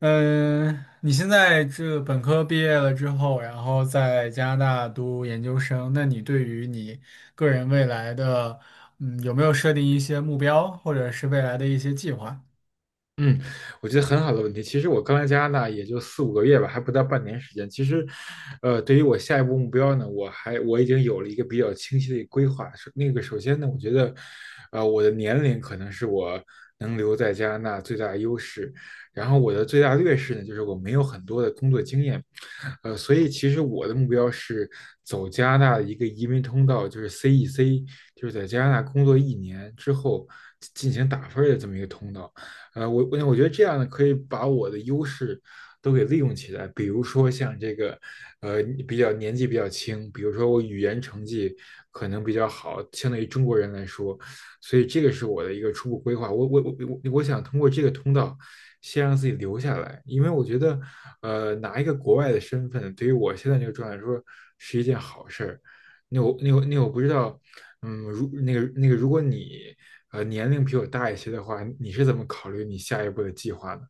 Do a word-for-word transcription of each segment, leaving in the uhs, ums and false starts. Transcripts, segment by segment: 嗯，你现在这本科毕业了之后，然后在加拿大读研究生，那你对于你个人未来的，嗯，有没有设定一些目标，或者是未来的一些计划？嗯，我觉得很好的问题。其实我刚来加拿大也就四五个月吧，还不到半年时间。其实，呃，对于我下一步目标呢，我还我已经有了一个比较清晰的一个规划。首那个首先呢，我觉得，呃，我的年龄可能是我能留在加拿大最大的优势。然后我的最大劣势呢，就是我没有很多的工作经验，呃，所以其实我的目标是走加拿大的一个移民通道，就是 C E C，就是在加拿大工作一年之后进行打分儿的这么一个通道。呃，我我我觉得这样呢，可以把我的优势都给利用起来。比如说像这个，呃，比较年纪比较轻，比如说我语言成绩可能比较好，相对于中国人来说，所以这个是我的一个初步规划。我我我我我想通过这个通道，先让自己留下来，因为我觉得，呃，拿一个国外的身份，对于我现在这个状态来说是一件好事儿。那我那我那我不知道，嗯，如那个那个，如果你呃年龄比我大一些的话，你是怎么考虑你下一步的计划呢？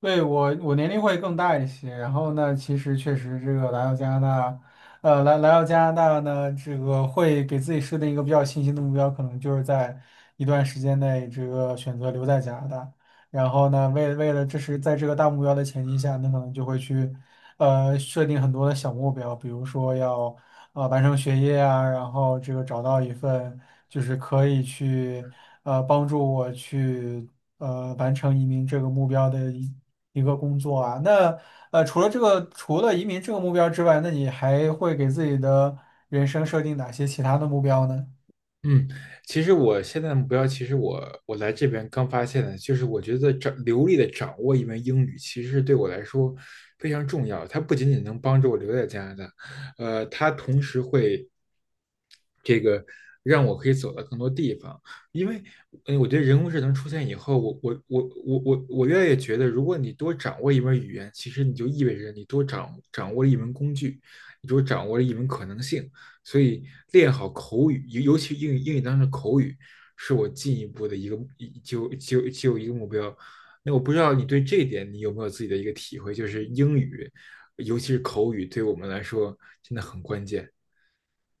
对，我，我年龄会更大一些。然后呢，其实确实这个来到加拿大，呃，来来到加拿大呢，这个会给自己设定一个比较清晰的目标，可能就是在一段时间内这个选择留在加拿大。然后呢，为为了这是在这个大目标的前提下，那可能就会去呃设定很多的小目标，比如说要呃完成学业啊，然后这个找到一份就是可以去呃帮助我去。呃完成移民这个目标的一。一个工作啊。那呃，除了这个，除了移民这个目标之外，那你还会给自己的人生设定哪些其他的目标呢？嗯，其实我现在的目标，其实我我来这边刚发现的，就是我觉得掌流利的掌握一门英语，其实对我来说非常重要。它不仅仅能帮助我留在加拿大，呃，它同时会这个让我可以走到更多地方。因为，嗯，我觉得人工智能出现以后，我我我我我我越来越觉得，如果你多掌握一门语言，其实你就意味着你多掌掌握了一门工具，你多掌握了一门可能性。所以，练好口语，尤尤其英语英语当中的口语，是我进一步的一个就就就一个目标。那我不知道你对这一点你有没有自己的一个体会，就是英语，尤其是口语，对我们来说真的很关键。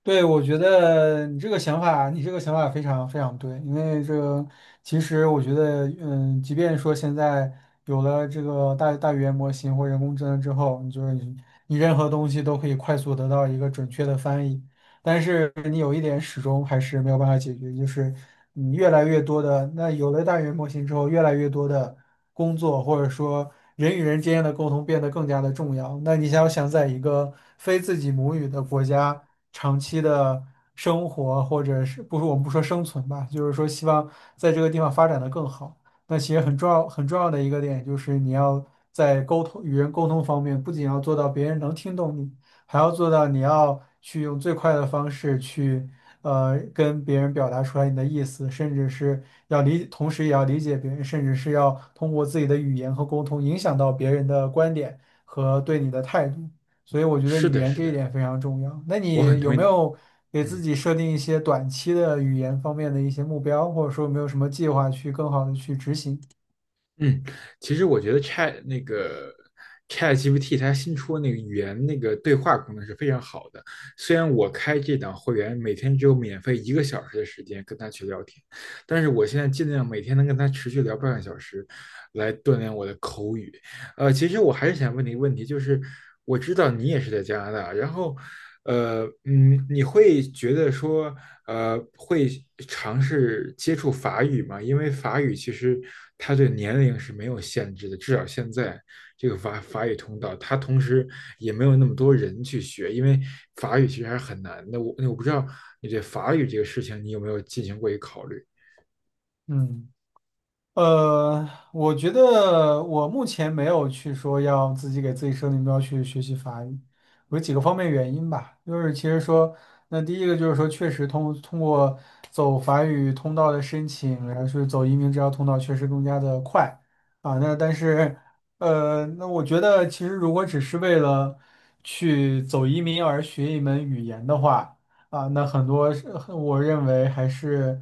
对，我觉得你这个想法，你这个想法非常非常对，因为这个其实我觉得，嗯，即便说现在有了这个大大语言模型或人工智能之后，你就是你你任何东西都可以快速得到一个准确的翻译。但是你有一点始终还是没有办法解决，就是你越来越多的，那有了大语言模型之后，越来越多的工作或者说人与人之间的沟通变得更加的重要。那你想要想在一个非自己母语的国家长期的生活，或者是不是我们不说生存吧，就是说希望在这个地方发展的更好。那其实很重要很重要的一个点就是你要在沟通与人沟通方面，不仅要做到别人能听懂你。还要做到你要去用最快的方式去，呃，跟别人表达出来你的意思，甚至是要理，同时也要理解别人，甚至是要通过自己的语言和沟通影响到别人的观点和对你的态度。所以我觉得是语的，言是这一的。点非常重要。那我很你有同意，没有给自嗯己设定一些短期的语言方面的一些目标，或者说有没有什么计划去更好的去执行？嗯，其实我觉得 Chat 那个 ChatGPT 它新出的那个语言那个对话功能是非常好的。虽然我开这档会员每天只有免费一个小时的时间跟他去聊天，但是我现在尽量每天能跟他持续聊半个小时，来锻炼我的口语。呃，其实我还是想问你一个问题，就是我知道你也是在加拿大，然后，呃，嗯，你会觉得说，呃，会尝试接触法语吗？因为法语其实它对年龄是没有限制的，至少现在这个法法语通道，它同时也没有那么多人去学，因为法语其实还是很难的。我我不知道你对法语这个事情，你有没有进行过一个考虑？嗯。呃，我觉得我目前没有去说要自己给自己设定目标去学习法语，有几个方面原因吧。就是其实说，那第一个就是说，确实通通过走法语通道的申请，然后是走移民这条通道，确实更加的快啊。那但是，呃，那我觉得其实如果只是为了去走移民而学一门语言的话，啊，那很多是我认为还是。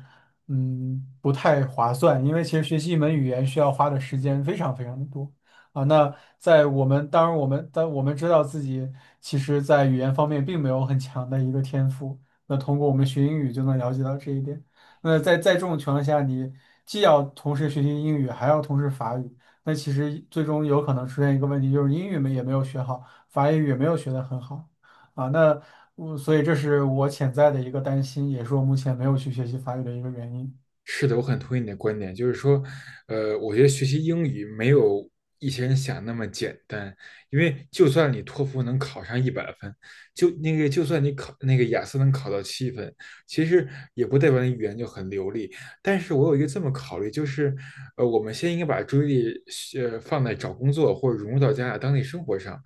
嗯，不太划算，因为其实学习一门语言需要花的时间非常非常的多啊。那在我们当然我们但我们知道自己其实，在语言方面并没有很强的一个天赋，那通过我们学英语就能了解到这一点。那在在这种情况下，你既要同时学习英语，还要同时法语，那其实最终有可能出现一个问题，就是英语没也没有学好，法语也没有学得很好啊。那我所以这是我潜在的一个担心，也是我目前没有去学习法语的一个原因。是的，我很同意你的观点，就是说，呃，我觉得学习英语没有一些人想那么简单，因为就算你托福能考上一百分，就那个就算你考那个雅思能考到七分，其实也不代表你语言就很流利。但是我有一个这么考虑，就是，呃，我们先应该把注意力呃放在找工作或者融入到加拿大当地生活上，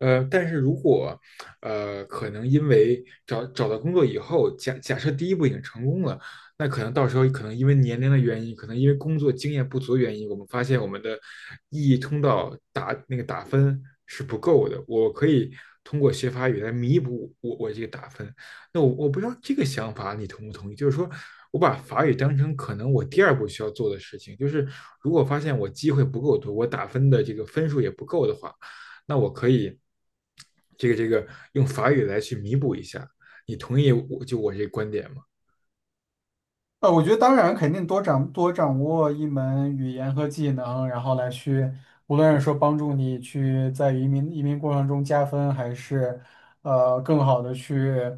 呃，但是如果，呃，可能因为找找到工作以后，假假设第一步已经成功了。那可能到时候可能因为年龄的原因，可能因为工作经验不足的原因，我们发现我们的意义通道打那个打分是不够的。我可以通过学法语来弥补我我这个打分。那我我不知道这个想法你同不同意？就是说我把法语当成可能我第二步需要做的事情，就是如果发现我机会不够多，我打分的这个分数也不够的话，那我可以这个这个用法语来去弥补一下。你同意我就我这个观点吗？呃，我觉得当然肯定多掌多掌握一门语言和技能，然后来去，无论是说帮助你去在移民移民过程中加分，还是呃更好的去，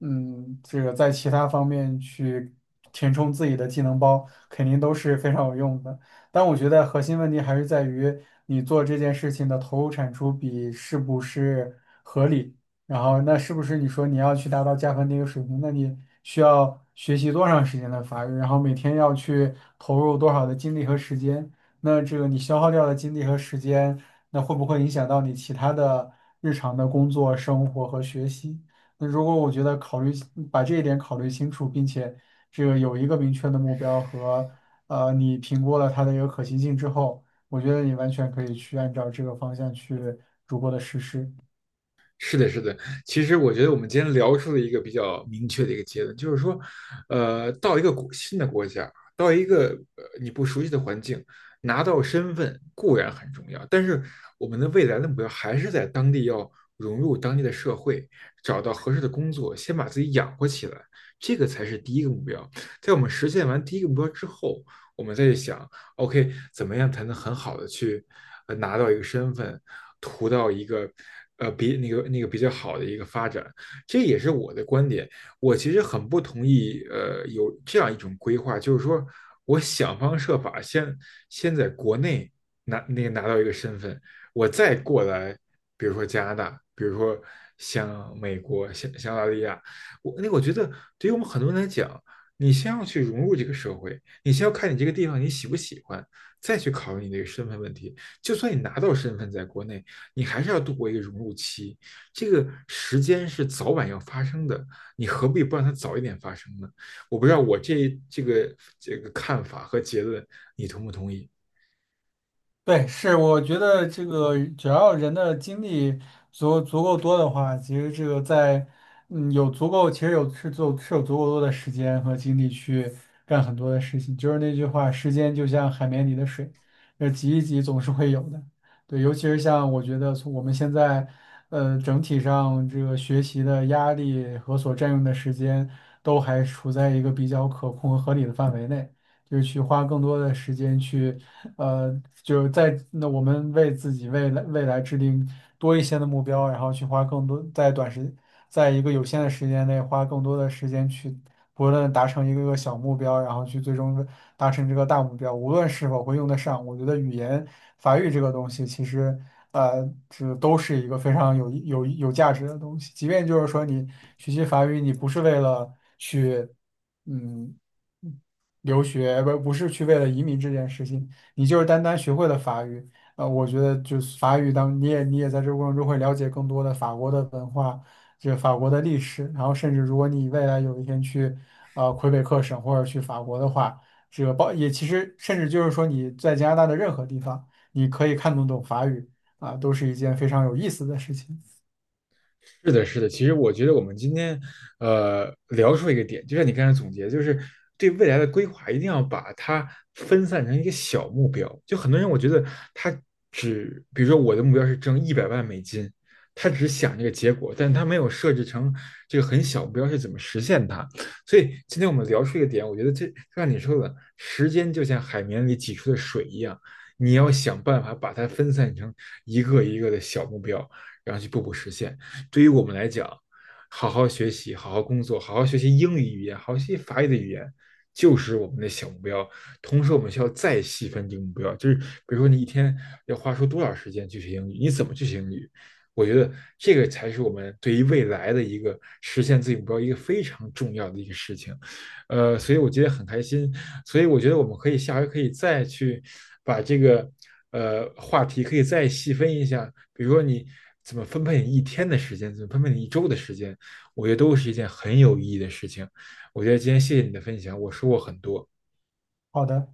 嗯，这个在其他方面去填充自己的技能包，肯定都是非常有用的。但我觉得核心问题还是在于你做这件事情的投入产出比是不是。合理。然后那是不是你说你要去达到加分的一个水平，那你需要学习多长时间的法语，然后每天要去投入多少的精力和时间？那这个你消耗掉的精力和时间，那会不会影响到你其他的日常的工作、生活和学习？那如果我觉得考虑把这一点考虑清楚，并且这个有一个明确的目标和呃你评估了它的一个可行性之后，我觉得你完全可以去按照这个方向去逐步的实施。是的，是的。其实我觉得我们今天聊出了一个比较明确的一个结论，就是说，呃，到一个国新的国家，到一个呃你不熟悉的环境，拿到身份固然很重要，但是我们的未来的目标还是在当地要融入当地的社会，找到合适的工作，先把自己养活起来，这个才是第一个目标。在我们实现完第一个目标之后，我们再去想，OK，怎么样才能很好的去呃拿到一个身份，图到一个呃比那个那个比较好的一个发展，这也是我的观点。我其实很不同意呃有这样一种规划，就是说我想方设法先先在国内拿那个拿到一个身份，我再过来，比如说加拿大，比如说像美国、像像澳大利亚，我那个我觉得对于我们很多人来讲。你先要去融入这个社会，你先要看你这个地方你喜不喜欢，再去考虑你这个身份问题。就算你拿到身份在国内，你还是要度过一个融入期，这个时间是早晚要发生的，你何必不让它早一点发生呢？我不知道我这这个这个看法和结论，你同不同意？对，是，我觉得这个只要人的精力足足够多的话，其实这个在嗯有足够，其实有是足是有足够多的时间和精力去干很多的事情。就是那句话，时间就像海绵里的水，呃，挤一挤总是会有的。对，尤其是像我觉得从我们现在呃整体上这个学习的压力和所占用的时间都还处在一个比较可控和合理的范围内。就是去花更多的时间去呃，就在那我们为自己未来未来制定多一些的目标，然后去花更多在短时，在一个有限的时间内花更多的时间去，不论达成一个个小目标，然后去最终达成这个大目标，无论是否会用得上，我觉得语言法语这个东西其实。呃，这都是一个非常有有有价值的东西。即便就是说你学习法语，你不是为了去嗯留学，不不是去为了移民这件事情，你就是单单学会了法语，呃，我觉得就是法语当你也你也在这个过程中会了解更多的法国的文化，就法国的历史，然后甚至如果你未来有一天去呃魁北克省或者去法国的话，这个包也其实甚至就是说你在加拿大的任何地方，你可以看得懂法语啊，都是一件非常有意思的事情。是的，是的。其实我觉得我们今天，呃，聊出一个点，就像你刚才总结，就是对未来的规划一定要把它分散成一个小目标。就很多人，我觉得他只，比如说我的目标是挣一百万美金，他只想这个结果，但他没有设置成这个很小目标是怎么实现它。所以今天我们聊出一个点，我觉得这就像你说的，时间就像海绵里挤出的水一样，你要想办法把它分散成一个一个的小目标，然后去步步实现。对于我们来讲，好好学习、好好工作、好好学习英语语言、好好学习法语的语言，就是我们的小目标。同时，我们需要再细分这个目标，就是比如说你一天要花出多少时间去学英语，你怎么去学英语？我觉得这个才是我们对于未来的一个实现自己目标一个非常重要的一个事情。呃，所以我今天很开心。所以我觉得我们可以下回可以再去把这个呃话题可以再细分一下，比如说你怎么分配你一天的时间，怎么分配你一周的时间，我觉得都是一件很有意义的事情。我觉得今天谢谢你的分享，我说过很多。好的。